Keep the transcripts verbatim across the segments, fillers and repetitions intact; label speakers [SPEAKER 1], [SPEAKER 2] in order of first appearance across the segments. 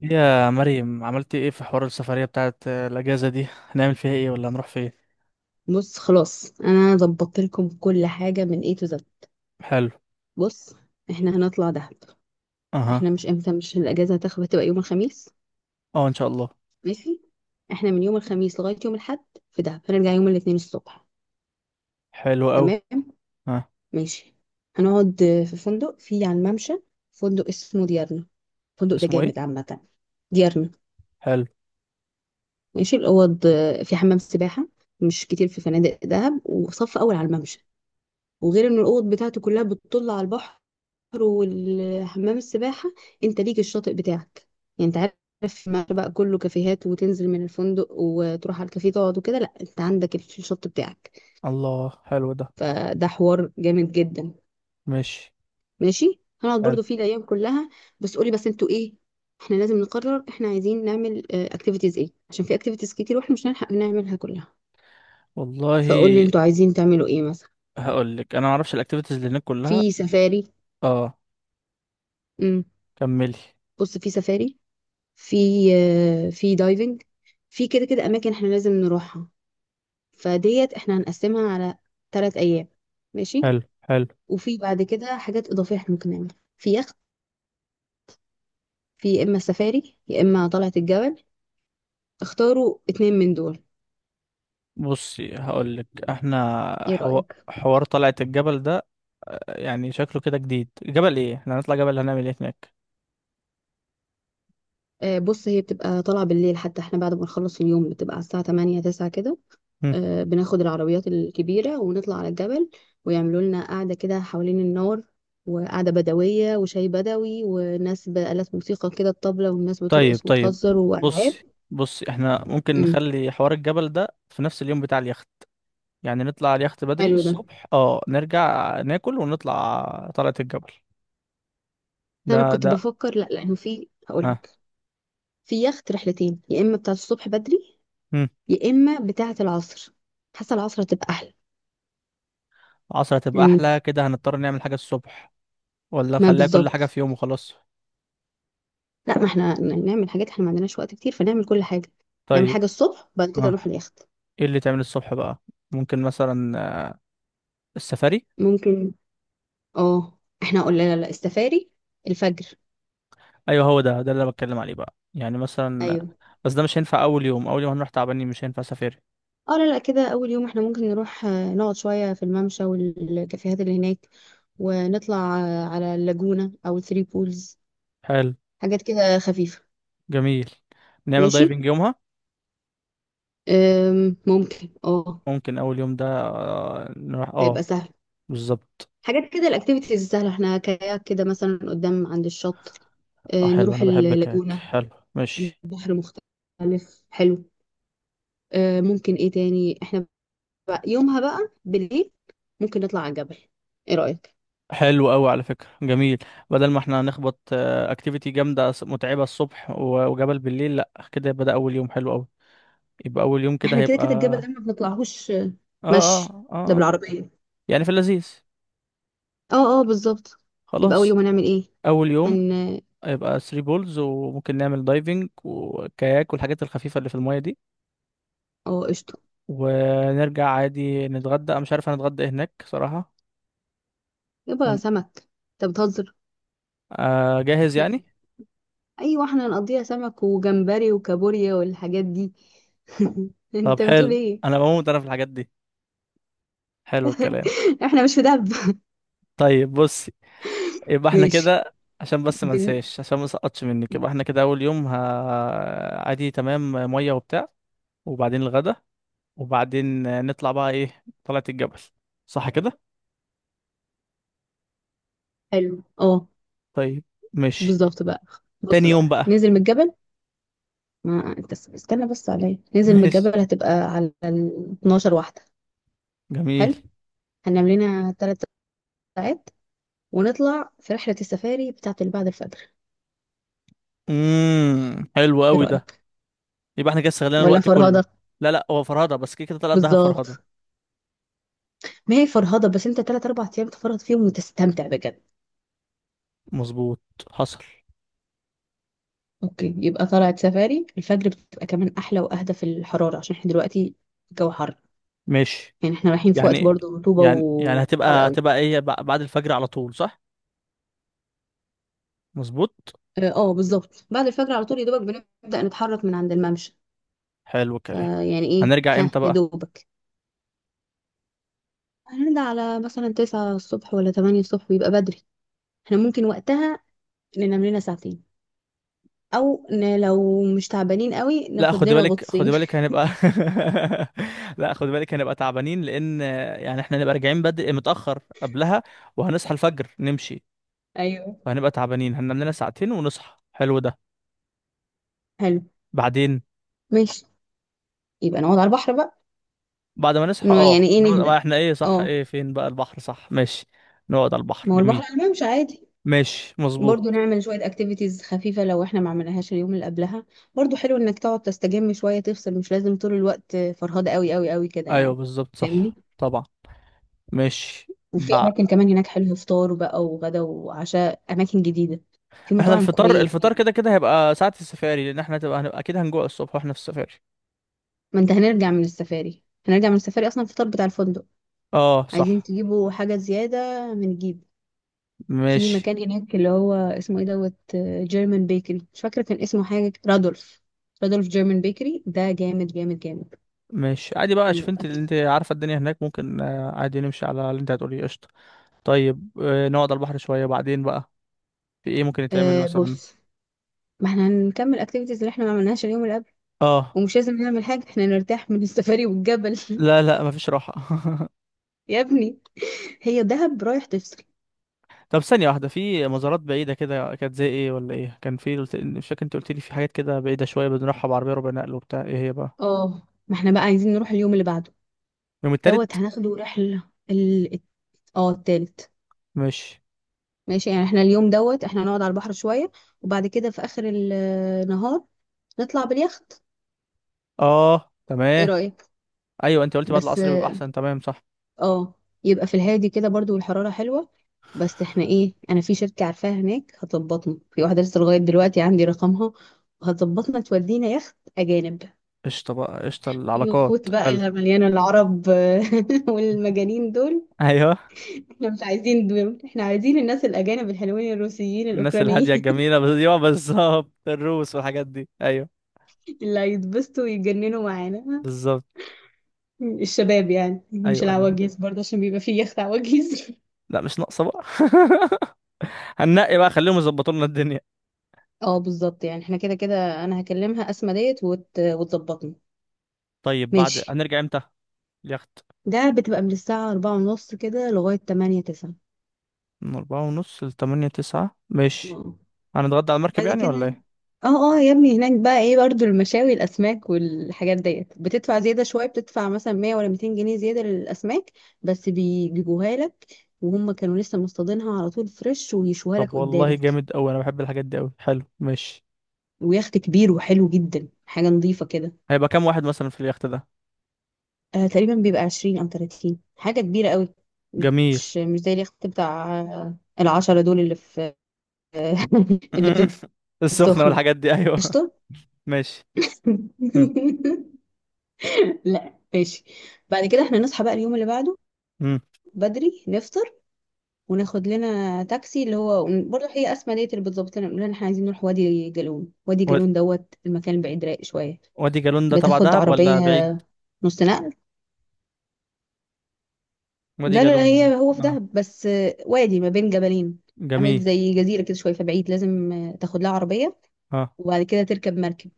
[SPEAKER 1] يا مريم، عملتي ايه في حوار السفرية بتاعت الأجازة دي؟ هنعمل فيها ايه؟ ولا هنروح فين؟
[SPEAKER 2] بص، خلاص انا ظبطت لكم كل حاجه من A to Z.
[SPEAKER 1] حلو.
[SPEAKER 2] بص، احنا هنطلع دهب.
[SPEAKER 1] اها.
[SPEAKER 2] احنا مش امتى مش الاجازه هتاخد، هتبقى يوم الخميس.
[SPEAKER 1] اه ان شاء الله.
[SPEAKER 2] ماشي، احنا من يوم الخميس لغايه يوم الاحد في دهب، هنرجع يوم الاثنين الصبح.
[SPEAKER 1] حلو قوي.
[SPEAKER 2] تمام،
[SPEAKER 1] ها.
[SPEAKER 2] ماشي. هنقعد في فندق في على الممشى، فندق اسمه ديارنا. الفندق ده
[SPEAKER 1] اسمه ايه؟
[SPEAKER 2] جامد عامه. ديارنا.
[SPEAKER 1] حلو.
[SPEAKER 2] ماشي، الاوض في حمام سباحه، مش كتير في فنادق دهب وصف اول على الممشى، وغير ان الاوض بتاعته كلها بتطل على البحر والحمام السباحه. انت ليك الشاطئ بتاعك، يعني انت عارف ما بقى كله كافيهات وتنزل من الفندق وتروح على الكافيه تقعد وكده، لا انت عندك الشط بتاعك.
[SPEAKER 1] الله، حلو ده.
[SPEAKER 2] فده حوار جامد جدا.
[SPEAKER 1] ماشي.
[SPEAKER 2] ماشي، هنقعد
[SPEAKER 1] حلو.
[SPEAKER 2] برضو فيه الايام كلها. بس قولي بس انتوا ايه، احنا لازم نقرر احنا عايزين نعمل اكتيفيتيز ايه، عشان في اكتيفيتيز كتير واحنا مش هنلحق نعملها كلها.
[SPEAKER 1] والله.
[SPEAKER 2] فقولي انتوا عايزين تعملوا ايه مثلا.
[SPEAKER 1] هقول لك، انا ما اعرفش الاكتيفيتيز اللي هناك كلها.
[SPEAKER 2] في سفاري.
[SPEAKER 1] اه،
[SPEAKER 2] امم
[SPEAKER 1] كملي.
[SPEAKER 2] بص، في سفاري، في آه، في دايفنج، في كده كده اماكن احنا لازم نروحها. فديت احنا هنقسمها على ثلاث ايام، ماشي.
[SPEAKER 1] حلو حلو.
[SPEAKER 2] وفي بعد كده حاجات اضافيه احنا ممكن نعملها: في يخت، في يا اما سفاري يا اما طلعه الجبل. اختاروا اتنين من دول.
[SPEAKER 1] بصي هقول لك احنا
[SPEAKER 2] ايه
[SPEAKER 1] حو...
[SPEAKER 2] رايك؟
[SPEAKER 1] حوار طلعة الجبل ده، يعني شكله كده جديد. جبل ايه؟ احنا هنطلع جبل هنعمل ايه هناك؟
[SPEAKER 2] آه بص، هي بتبقى طالعه بالليل، حتى احنا بعد ما نخلص اليوم بتبقى على الساعه تمانية تسعة كده. آه، بناخد العربيات الكبيرة ونطلع على الجبل، ويعملوا لنا قعدة كده حوالين النار، وقعدة بدوية وشاي بدوي وناس بآلات موسيقى كده، الطبلة والناس
[SPEAKER 1] طيب
[SPEAKER 2] بترقص
[SPEAKER 1] طيب.
[SPEAKER 2] وتهزر وألعاب.
[SPEAKER 1] بصي. بصي احنا ممكن
[SPEAKER 2] امم
[SPEAKER 1] نخلي حوار الجبل ده في نفس اليوم بتاع اليخت، يعني نطلع على اليخت بدري
[SPEAKER 2] حلو ده.
[SPEAKER 1] الصبح، اه، نرجع ناكل ونطلع طلعة الجبل. ده
[SPEAKER 2] أنا كنت
[SPEAKER 1] ده
[SPEAKER 2] بفكر لأ، لأنه في
[SPEAKER 1] ها.
[SPEAKER 2] هقولك في يخت رحلتين: يا إما بتاعة الصبح بدري،
[SPEAKER 1] مم.
[SPEAKER 2] يا إما بتاعة العصر. حاسة العصر هتبقى أحلى.
[SPEAKER 1] عصر هتبقى
[SPEAKER 2] لأنه-
[SPEAKER 1] احلى، كده هنضطر نعمل حاجة الصبح، ولا
[SPEAKER 2] ما
[SPEAKER 1] نخليها كل حاجة
[SPEAKER 2] بالظبط.
[SPEAKER 1] في يوم وخلاص؟
[SPEAKER 2] لأ، ما احنا نعمل حاجات، احنا ما عندناش وقت كتير، فنعمل كل حاجة. نعمل
[SPEAKER 1] طيب.
[SPEAKER 2] حاجة الصبح، بعد كده نروح
[SPEAKER 1] اه.
[SPEAKER 2] اليخت.
[SPEAKER 1] ايه اللي تعمل الصبح بقى؟ ممكن مثلا آه، السفاري.
[SPEAKER 2] ممكن، اه. احنا قلنا لا لا السفاري الفجر.
[SPEAKER 1] ايوه، هو ده ده اللي انا بتكلم عليه بقى، يعني مثلا آه،
[SPEAKER 2] ايوه،
[SPEAKER 1] بس ده مش هينفع اول يوم. اول يوم هنروح تعبانين، مش هينفع سفاري.
[SPEAKER 2] اه. لا لا، كده اول يوم احنا ممكن نروح، آه، نقعد شويه في الممشى والكافيهات اللي هناك، ونطلع آه، على اللاجونه او الثري بولز.
[SPEAKER 1] حلو.
[SPEAKER 2] حاجات كده خفيفه،
[SPEAKER 1] جميل. نعمل
[SPEAKER 2] ماشي.
[SPEAKER 1] دايفنج يومها.
[SPEAKER 2] أم، ممكن، اه.
[SPEAKER 1] ممكن اول يوم ده آه، نروح،
[SPEAKER 2] هيبقى
[SPEAKER 1] اه،
[SPEAKER 2] سهل،
[SPEAKER 1] بالظبط.
[SPEAKER 2] حاجات كده. الاكتيفيتيز السهله، احنا كاياك كده مثلا قدام عند الشط،
[SPEAKER 1] اه
[SPEAKER 2] آه،
[SPEAKER 1] حلو،
[SPEAKER 2] نروح
[SPEAKER 1] انا بحب الكاك،
[SPEAKER 2] اللاجونه.
[SPEAKER 1] حلو. ماشي.
[SPEAKER 2] البحر مختلف حلو. آه، ممكن ايه تاني احنا بقى يومها بقى بالليل؟ ممكن نطلع على الجبل، ايه رأيك؟
[SPEAKER 1] حلو قوي على فكرة، جميل. بدل ما احنا هنخبط اكتيفيتي جامدة س- متعبة الصبح و- وجبل بالليل، لا، كده يبقى ده اول يوم حلو قوي. يبقى اول يوم كده
[SPEAKER 2] احنا كده
[SPEAKER 1] هيبقى
[SPEAKER 2] كده الجبل ده
[SPEAKER 1] اه.
[SPEAKER 2] ما بنطلعهوش.
[SPEAKER 1] اه
[SPEAKER 2] مشي،
[SPEAKER 1] اه
[SPEAKER 2] ده
[SPEAKER 1] اه.
[SPEAKER 2] بالعربية.
[SPEAKER 1] يعني في اللذيذ.
[SPEAKER 2] اه اه بالظبط. يبقى اول
[SPEAKER 1] خلاص.
[SPEAKER 2] يوم هنعمل ايه؟
[SPEAKER 1] اول يوم
[SPEAKER 2] هن
[SPEAKER 1] هيبقى ثري بولز، وممكن نعمل دايفنج وكاياك والحاجات الخفيفة اللي في المية دي.
[SPEAKER 2] اه قشطة.
[SPEAKER 1] ونرجع عادي نتغدى. أنا مش عارف هنتغدى إيه هناك صراحة.
[SPEAKER 2] يبقى
[SPEAKER 1] هن-
[SPEAKER 2] سمك؟ انت بتهزر.
[SPEAKER 1] آه، جاهز يعني.
[SPEAKER 2] ايوه، احنا هنقضيها سمك وجمبري وكابوريا والحاجات دي.
[SPEAKER 1] طب
[SPEAKER 2] انت بتقول
[SPEAKER 1] حلو،
[SPEAKER 2] ايه؟
[SPEAKER 1] انا بموت انا في الحاجات دي. حلو الكلام.
[SPEAKER 2] احنا مش في دهب!
[SPEAKER 1] طيب بصي، يبقى احنا
[SPEAKER 2] ماشي.
[SPEAKER 1] كده. عشان بس ما
[SPEAKER 2] بال...
[SPEAKER 1] انساش، عشان ما سقطش منك، يبقى احنا كده اول يوم ه... عادي تمام، ميه وبتاع، وبعدين الغدا، وبعدين نطلع بقى ايه، طلعت الجبل، صح كده؟
[SPEAKER 2] حلو، اه
[SPEAKER 1] طيب. ماشي.
[SPEAKER 2] بالظبط بقى. بص
[SPEAKER 1] تاني
[SPEAKER 2] بقى،
[SPEAKER 1] يوم بقى.
[SPEAKER 2] ننزل من الجبل. ما انت اس- استنى بس عليا، ننزل من
[SPEAKER 1] ماشي.
[SPEAKER 2] الجبل هتبقى على ال اتناشر واحدة.
[SPEAKER 1] جميل.
[SPEAKER 2] حلو، هننام لنا ثلاث ساعات، ونطلع في رحلة السفاري بتاعة اللي بعد الفجر.
[SPEAKER 1] امم، حلو
[SPEAKER 2] ايه
[SPEAKER 1] قوي ده.
[SPEAKER 2] رأيك؟
[SPEAKER 1] يبقى احنا كده استغلينا
[SPEAKER 2] ولا
[SPEAKER 1] الوقت كله.
[SPEAKER 2] فرهضة؟
[SPEAKER 1] لا لا، هو فرهده، بس كده كده طلعت دهب فرهده.
[SPEAKER 2] بالظبط، ما هي فرهضة، بس انت ثلاث اربع ايام تفرهد فيهم وتستمتع بجد.
[SPEAKER 1] مظبوط. حصل.
[SPEAKER 2] اوكي، يبقى طلعت سفاري الفجر بتبقى كمان احلى واهدى في الحرارة، عشان احنا دلوقتي الجو حر.
[SPEAKER 1] ماشي.
[SPEAKER 2] يعني احنا رايحين في وقت
[SPEAKER 1] يعني
[SPEAKER 2] برضه رطوبة
[SPEAKER 1] يعني يعني
[SPEAKER 2] وحر
[SPEAKER 1] هتبقى
[SPEAKER 2] قوي.
[SPEAKER 1] هتبقى ايه، بع- بعد الفجر على طول، صح؟ مظبوط.
[SPEAKER 2] اه آه، بالظبط، بعد الفجر على طول يا دوبك، بنبدأ نتحرك من عند الممشى.
[SPEAKER 1] حلو الكلام.
[SPEAKER 2] فيعني ايه
[SPEAKER 1] هنرجع
[SPEAKER 2] ها،
[SPEAKER 1] امتى
[SPEAKER 2] يا
[SPEAKER 1] بقى؟
[SPEAKER 2] دوبك. هنرجع على مثلا تسعة الصبح ولا تمانية الصبح، بيبقى بدري. احنا ممكن وقتها ننام لنا ساعتين، او ن... لو مش تعبانين قوي
[SPEAKER 1] لا
[SPEAKER 2] ناخد
[SPEAKER 1] خدي
[SPEAKER 2] لنا
[SPEAKER 1] بالك، خدي
[SPEAKER 2] غطسين.
[SPEAKER 1] بالك، هنبقى. لا خدي بالك، هنبقى تعبانين، لان يعني احنا هنبقى راجعين بدري متاخر قبلها، وهنصحى الفجر نمشي،
[SPEAKER 2] ايوه
[SPEAKER 1] فهنبقى تعبانين. هننام لنا ساعتين ونصحى. حلو ده.
[SPEAKER 2] حلو،
[SPEAKER 1] بعدين.
[SPEAKER 2] ماشي. يبقى نقعد على البحر بقى.
[SPEAKER 1] بعد ما نصحى،
[SPEAKER 2] إنه
[SPEAKER 1] اه،
[SPEAKER 2] يعني ايه،
[SPEAKER 1] نقعد. ما
[SPEAKER 2] نهدى،
[SPEAKER 1] احنا ايه، صح،
[SPEAKER 2] اه.
[SPEAKER 1] ايه فين بقى البحر، صح، ماشي. نقعد على البحر،
[SPEAKER 2] ما هو البحر
[SPEAKER 1] جميل.
[SPEAKER 2] على الممشى عادي.
[SPEAKER 1] ماشي،
[SPEAKER 2] برضو
[SPEAKER 1] مظبوط.
[SPEAKER 2] نعمل شوية اكتيفيتيز خفيفة لو احنا ما عملناهاش اليوم اللي قبلها. برضو حلو انك تقعد تستجم شوية، تفصل، مش لازم طول الوقت فرهدة قوي قوي قوي كده
[SPEAKER 1] ايوه
[SPEAKER 2] يعني.
[SPEAKER 1] بالظبط،
[SPEAKER 2] فاهمني؟
[SPEAKER 1] صح طبعا. ماشي.
[SPEAKER 2] وفي اماكن
[SPEAKER 1] بع-
[SPEAKER 2] كمان هناك حلوه، فطار بقى وغدا وعشاء، اماكن جديده. في
[SPEAKER 1] احنا
[SPEAKER 2] مطاعم
[SPEAKER 1] الفطار،
[SPEAKER 2] كوريه
[SPEAKER 1] الفطار
[SPEAKER 2] هناك.
[SPEAKER 1] كده كده هيبقى ساعة السفاري، لان احنا هتبقى هنبقى اكيد هنجوع الصبح واحنا في السفاري.
[SPEAKER 2] ما انت هنرجع من السفاري، هنرجع من السفاري اصلا الفطار بتاع الفندق.
[SPEAKER 1] اه
[SPEAKER 2] عايزين
[SPEAKER 1] صح.
[SPEAKER 2] تجيبوا حاجه زياده هنجيب. في
[SPEAKER 1] ماشي.
[SPEAKER 2] مكان هناك اللي هو اسمه ايه دوت، جيرمان بيكري، مش فاكره كان اسمه حاجه، رادولف. رادولف جيرمان بيكري ده جامد جامد جامد.
[SPEAKER 1] ماشي عادي بقى، شوف
[SPEAKER 2] حلو
[SPEAKER 1] انت، اللي
[SPEAKER 2] اكل.
[SPEAKER 1] انت عارفة الدنيا هناك، ممكن آه، عادي نمشي على اللي انت هتقوليه، قشطة. طيب آه، نقعد على البحر شوية، بعدين بقى في ايه ممكن يتعمل
[SPEAKER 2] أه
[SPEAKER 1] مثلا؟
[SPEAKER 2] بص، ما احنا هنكمل اكتيفيتيز اللي احنا ما عملناش اليوم اللي قبل.
[SPEAKER 1] اه.
[SPEAKER 2] ومش لازم نعمل حاجه، احنا نرتاح من السفاري والجبل.
[SPEAKER 1] لا لا، مفيش راحة.
[SPEAKER 2] يا ابني، هي دهب رايح تفصل.
[SPEAKER 1] طب ثانية واحدة، في مزارات بعيدة كده كانت زي ايه ولا ايه؟ كان في، قلت، مش فاكر، انت قلت لي في حاجات كده بعيدة شوية بنروحها بعربية ربع نقل وبتاع، ايه هي بقى؟
[SPEAKER 2] اه، ما احنا بقى عايزين نروح اليوم اللي بعده
[SPEAKER 1] يوم
[SPEAKER 2] دوت،
[SPEAKER 1] التالت.
[SPEAKER 2] هناخده رحلة. ال اه التالت.
[SPEAKER 1] ماشي.
[SPEAKER 2] ماشي، يعني احنا اليوم دوت احنا هنقعد على البحر شوية، وبعد كده في اخر النهار نطلع باليخت.
[SPEAKER 1] اه
[SPEAKER 2] ايه
[SPEAKER 1] تمام.
[SPEAKER 2] رأيك؟
[SPEAKER 1] ايوه، انت قلتي بعد
[SPEAKER 2] بس
[SPEAKER 1] العصر بيبقى احسن، تمام صح.
[SPEAKER 2] اه. يبقى في الهادي كده برضو، والحرارة حلوة. بس احنا ايه، انا في شركة عارفاها هناك هتظبطنا، في واحدة لسه لغاية دلوقتي عندي رقمها، هتظبطنا تودينا يخت اجانب.
[SPEAKER 1] قشطه بقى، قشطه
[SPEAKER 2] في
[SPEAKER 1] العلاقات،
[SPEAKER 2] يخوت بقى
[SPEAKER 1] حلو.
[SPEAKER 2] مليانة العرب والمجانين دول.
[SPEAKER 1] ايوه.
[SPEAKER 2] احنا مش عايزين دول، احنا عايزين الناس الأجانب الحلوين الروسيين
[SPEAKER 1] الناس الهاديه
[SPEAKER 2] الأوكرانيين،
[SPEAKER 1] الجميله بس، ايوه بالظبط، الروس والحاجات دي، ايوه.
[SPEAKER 2] اللي هيتبسطوا ويتجننوا معانا.
[SPEAKER 1] بالظبط.
[SPEAKER 2] الشباب يعني، مش
[SPEAKER 1] ايوه ايوه.
[SPEAKER 2] العواجيز برضه، عشان بيبقى فيه يخت عواجيز.
[SPEAKER 1] لا، مش ناقصه بقى. هننقي بقى، خليهم يظبطوا لنا الدنيا.
[SPEAKER 2] اه بالظبط. يعني احنا كده كده انا هكلمها، اسمى ديت وت... وتظبطني.
[SPEAKER 1] طيب بعد
[SPEAKER 2] ماشي،
[SPEAKER 1] هنرجع امتى؟ اليخت.
[SPEAKER 2] ده بتبقى من الساعة أربعة ونص كده لغاية تمانية تسعة.
[SPEAKER 1] من أربعة ونص لتمانية تسعة، ماشي. هنتغدى على المركب
[SPEAKER 2] بعد
[SPEAKER 1] يعني ولا
[SPEAKER 2] كده
[SPEAKER 1] ايه؟
[SPEAKER 2] اه اه يا ابني، هناك بقى ايه برضو، المشاوي الاسماك والحاجات ديت، بتدفع زياده شويه، بتدفع مثلا مية ولا ميتين جنيه زياده للاسماك، بس بيجيبوها لك وهم كانوا لسه مصطادينها على طول، فريش ويشوها لك
[SPEAKER 1] طب والله
[SPEAKER 2] قدامك.
[SPEAKER 1] جامد أوي، أنا بحب الحاجات دي أوي، حلو. ماشي.
[SPEAKER 2] ويخت كبير وحلو جدا، حاجه نظيفه كده.
[SPEAKER 1] هيبقى كام واحد مثلا في اليخت ده؟
[SPEAKER 2] آه تقريبا بيبقى عشرين او تلاتين حاجه كبيره قوي.
[SPEAKER 1] جميل.
[SPEAKER 2] مش مش زي اليخت بتاع آه، العشرة دول اللي في اللي في
[SPEAKER 1] السخنة
[SPEAKER 2] السخنه.
[SPEAKER 1] والحاجات دي، أيوه.
[SPEAKER 2] قشطه.
[SPEAKER 1] ماشي.
[SPEAKER 2] لا ماشي. بعد كده احنا نصحى بقى اليوم اللي بعده
[SPEAKER 1] امم.
[SPEAKER 2] بدري، نفطر وناخد لنا تاكسي اللي هو برضه هي اسماء ديت اللي بتظبط لنا، نقول لها إن احنا عايزين نروح وادي جالون. وادي جالون دوت المكان بعيد رايق شويه،
[SPEAKER 1] وادي جالون ده تبع
[SPEAKER 2] بتاخد
[SPEAKER 1] دهب ولا
[SPEAKER 2] عربيه
[SPEAKER 1] بعيد؟
[SPEAKER 2] نص نقل.
[SPEAKER 1] وادي
[SPEAKER 2] لا لا لا،
[SPEAKER 1] جالون.
[SPEAKER 2] هي هو في
[SPEAKER 1] اه.
[SPEAKER 2] دهب بس، آه، وادي ما بين جبلين. عامل
[SPEAKER 1] جميل.
[SPEAKER 2] زي جزيره كده شويه، فبعيد، لازم آه، تاخد لها عربيه،
[SPEAKER 1] اه.
[SPEAKER 2] وبعد كده تركب مركب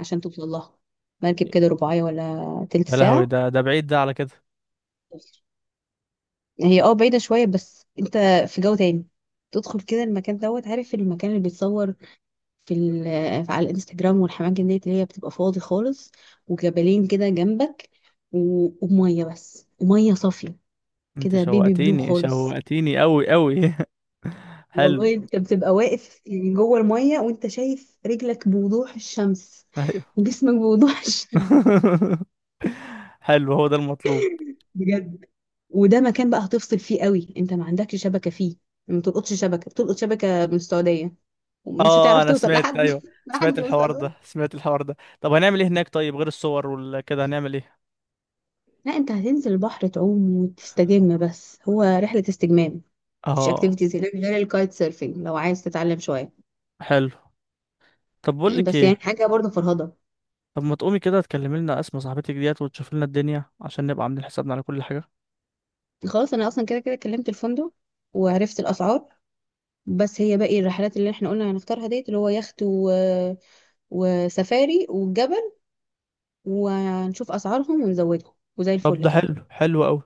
[SPEAKER 2] عشان توصل لها، مركب كده رباعيه ولا تلت
[SPEAKER 1] يا لهوي،
[SPEAKER 2] ساعه.
[SPEAKER 1] ده ده بعيد ده على كده.
[SPEAKER 2] هي اه بعيدة شوية، بس انت في جو تاني. تدخل كده المكان دوت، عارف المكان اللي بيتصور في ال- على الانستجرام، والحمام ديت اللي هي بتبقى فاضي خالص، وجبلين كده جنبك، و- ومية بس، ومية صافية
[SPEAKER 1] انت
[SPEAKER 2] كده، بيبي بلو
[SPEAKER 1] شوقتيني،
[SPEAKER 2] خالص.
[SPEAKER 1] شوقتيني قوي قوي. حلو.
[SPEAKER 2] والله انت بتبقى واقف يعني جوه المية وانت شايف رجلك بوضوح الشمس،
[SPEAKER 1] ايوه.
[SPEAKER 2] وجسمك بوضوح الشمس.
[SPEAKER 1] حلو، هو ده المطلوب.
[SPEAKER 2] بجد. وده مكان بقى هتفصل فيه قوي، انت ما عندكش شبكة فيه، ما تلقطش شبكة، بتلقط شبكة من السعودية،
[SPEAKER 1] اه
[SPEAKER 2] ومش
[SPEAKER 1] آه،
[SPEAKER 2] هتعرف
[SPEAKER 1] انا
[SPEAKER 2] توصل
[SPEAKER 1] سمعت،
[SPEAKER 2] لحد
[SPEAKER 1] ايوه.
[SPEAKER 2] لا حد
[SPEAKER 1] سمعت
[SPEAKER 2] يوصل
[SPEAKER 1] الحوار ده،
[SPEAKER 2] لك.
[SPEAKER 1] سمعت الحوار ده. طب هنعمل ايه هناك؟ طيب غير الصور وكده هنعمل ايه؟
[SPEAKER 2] لا انت هتنزل البحر تعوم وتستجم، بس هو رحلة استجمام. مفيش
[SPEAKER 1] اه.
[SPEAKER 2] اكتيفيتيز هناك غير الكايت سيرفينج لو عايز تتعلم شوية.
[SPEAKER 1] حلو. طب بقول لك
[SPEAKER 2] بس يعني
[SPEAKER 1] ايه.
[SPEAKER 2] حاجة برضه فرهضة.
[SPEAKER 1] طب ما تقومي كده تكلمي لنا اسماء صاحبتك ديت وتشوفي لنا الدنيا، عشان نبقى عاملين حسابنا على كل حاجة.
[SPEAKER 2] خلاص، انا اصلا كده كده كلمت الفندق وعرفت الاسعار. بس هي باقي الرحلات اللي احنا قلنا هنختارها ديت، اللي هو يخت و... وسفاري والجبل، وهنشوف اسعارهم ونزودهم، وزي
[SPEAKER 1] طب
[SPEAKER 2] الفل
[SPEAKER 1] ده
[SPEAKER 2] كده.
[SPEAKER 1] حلو، حلو قوي.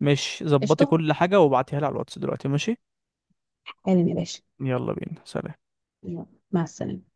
[SPEAKER 1] ماشي، ظبطي
[SPEAKER 2] قشطة،
[SPEAKER 1] كل حاجة وابعتيها لي على الواتس دلوقتي، ماشي.
[SPEAKER 2] حالا يا باشا.
[SPEAKER 1] يلا بينا، سلام.
[SPEAKER 2] يلا، مع السلامة.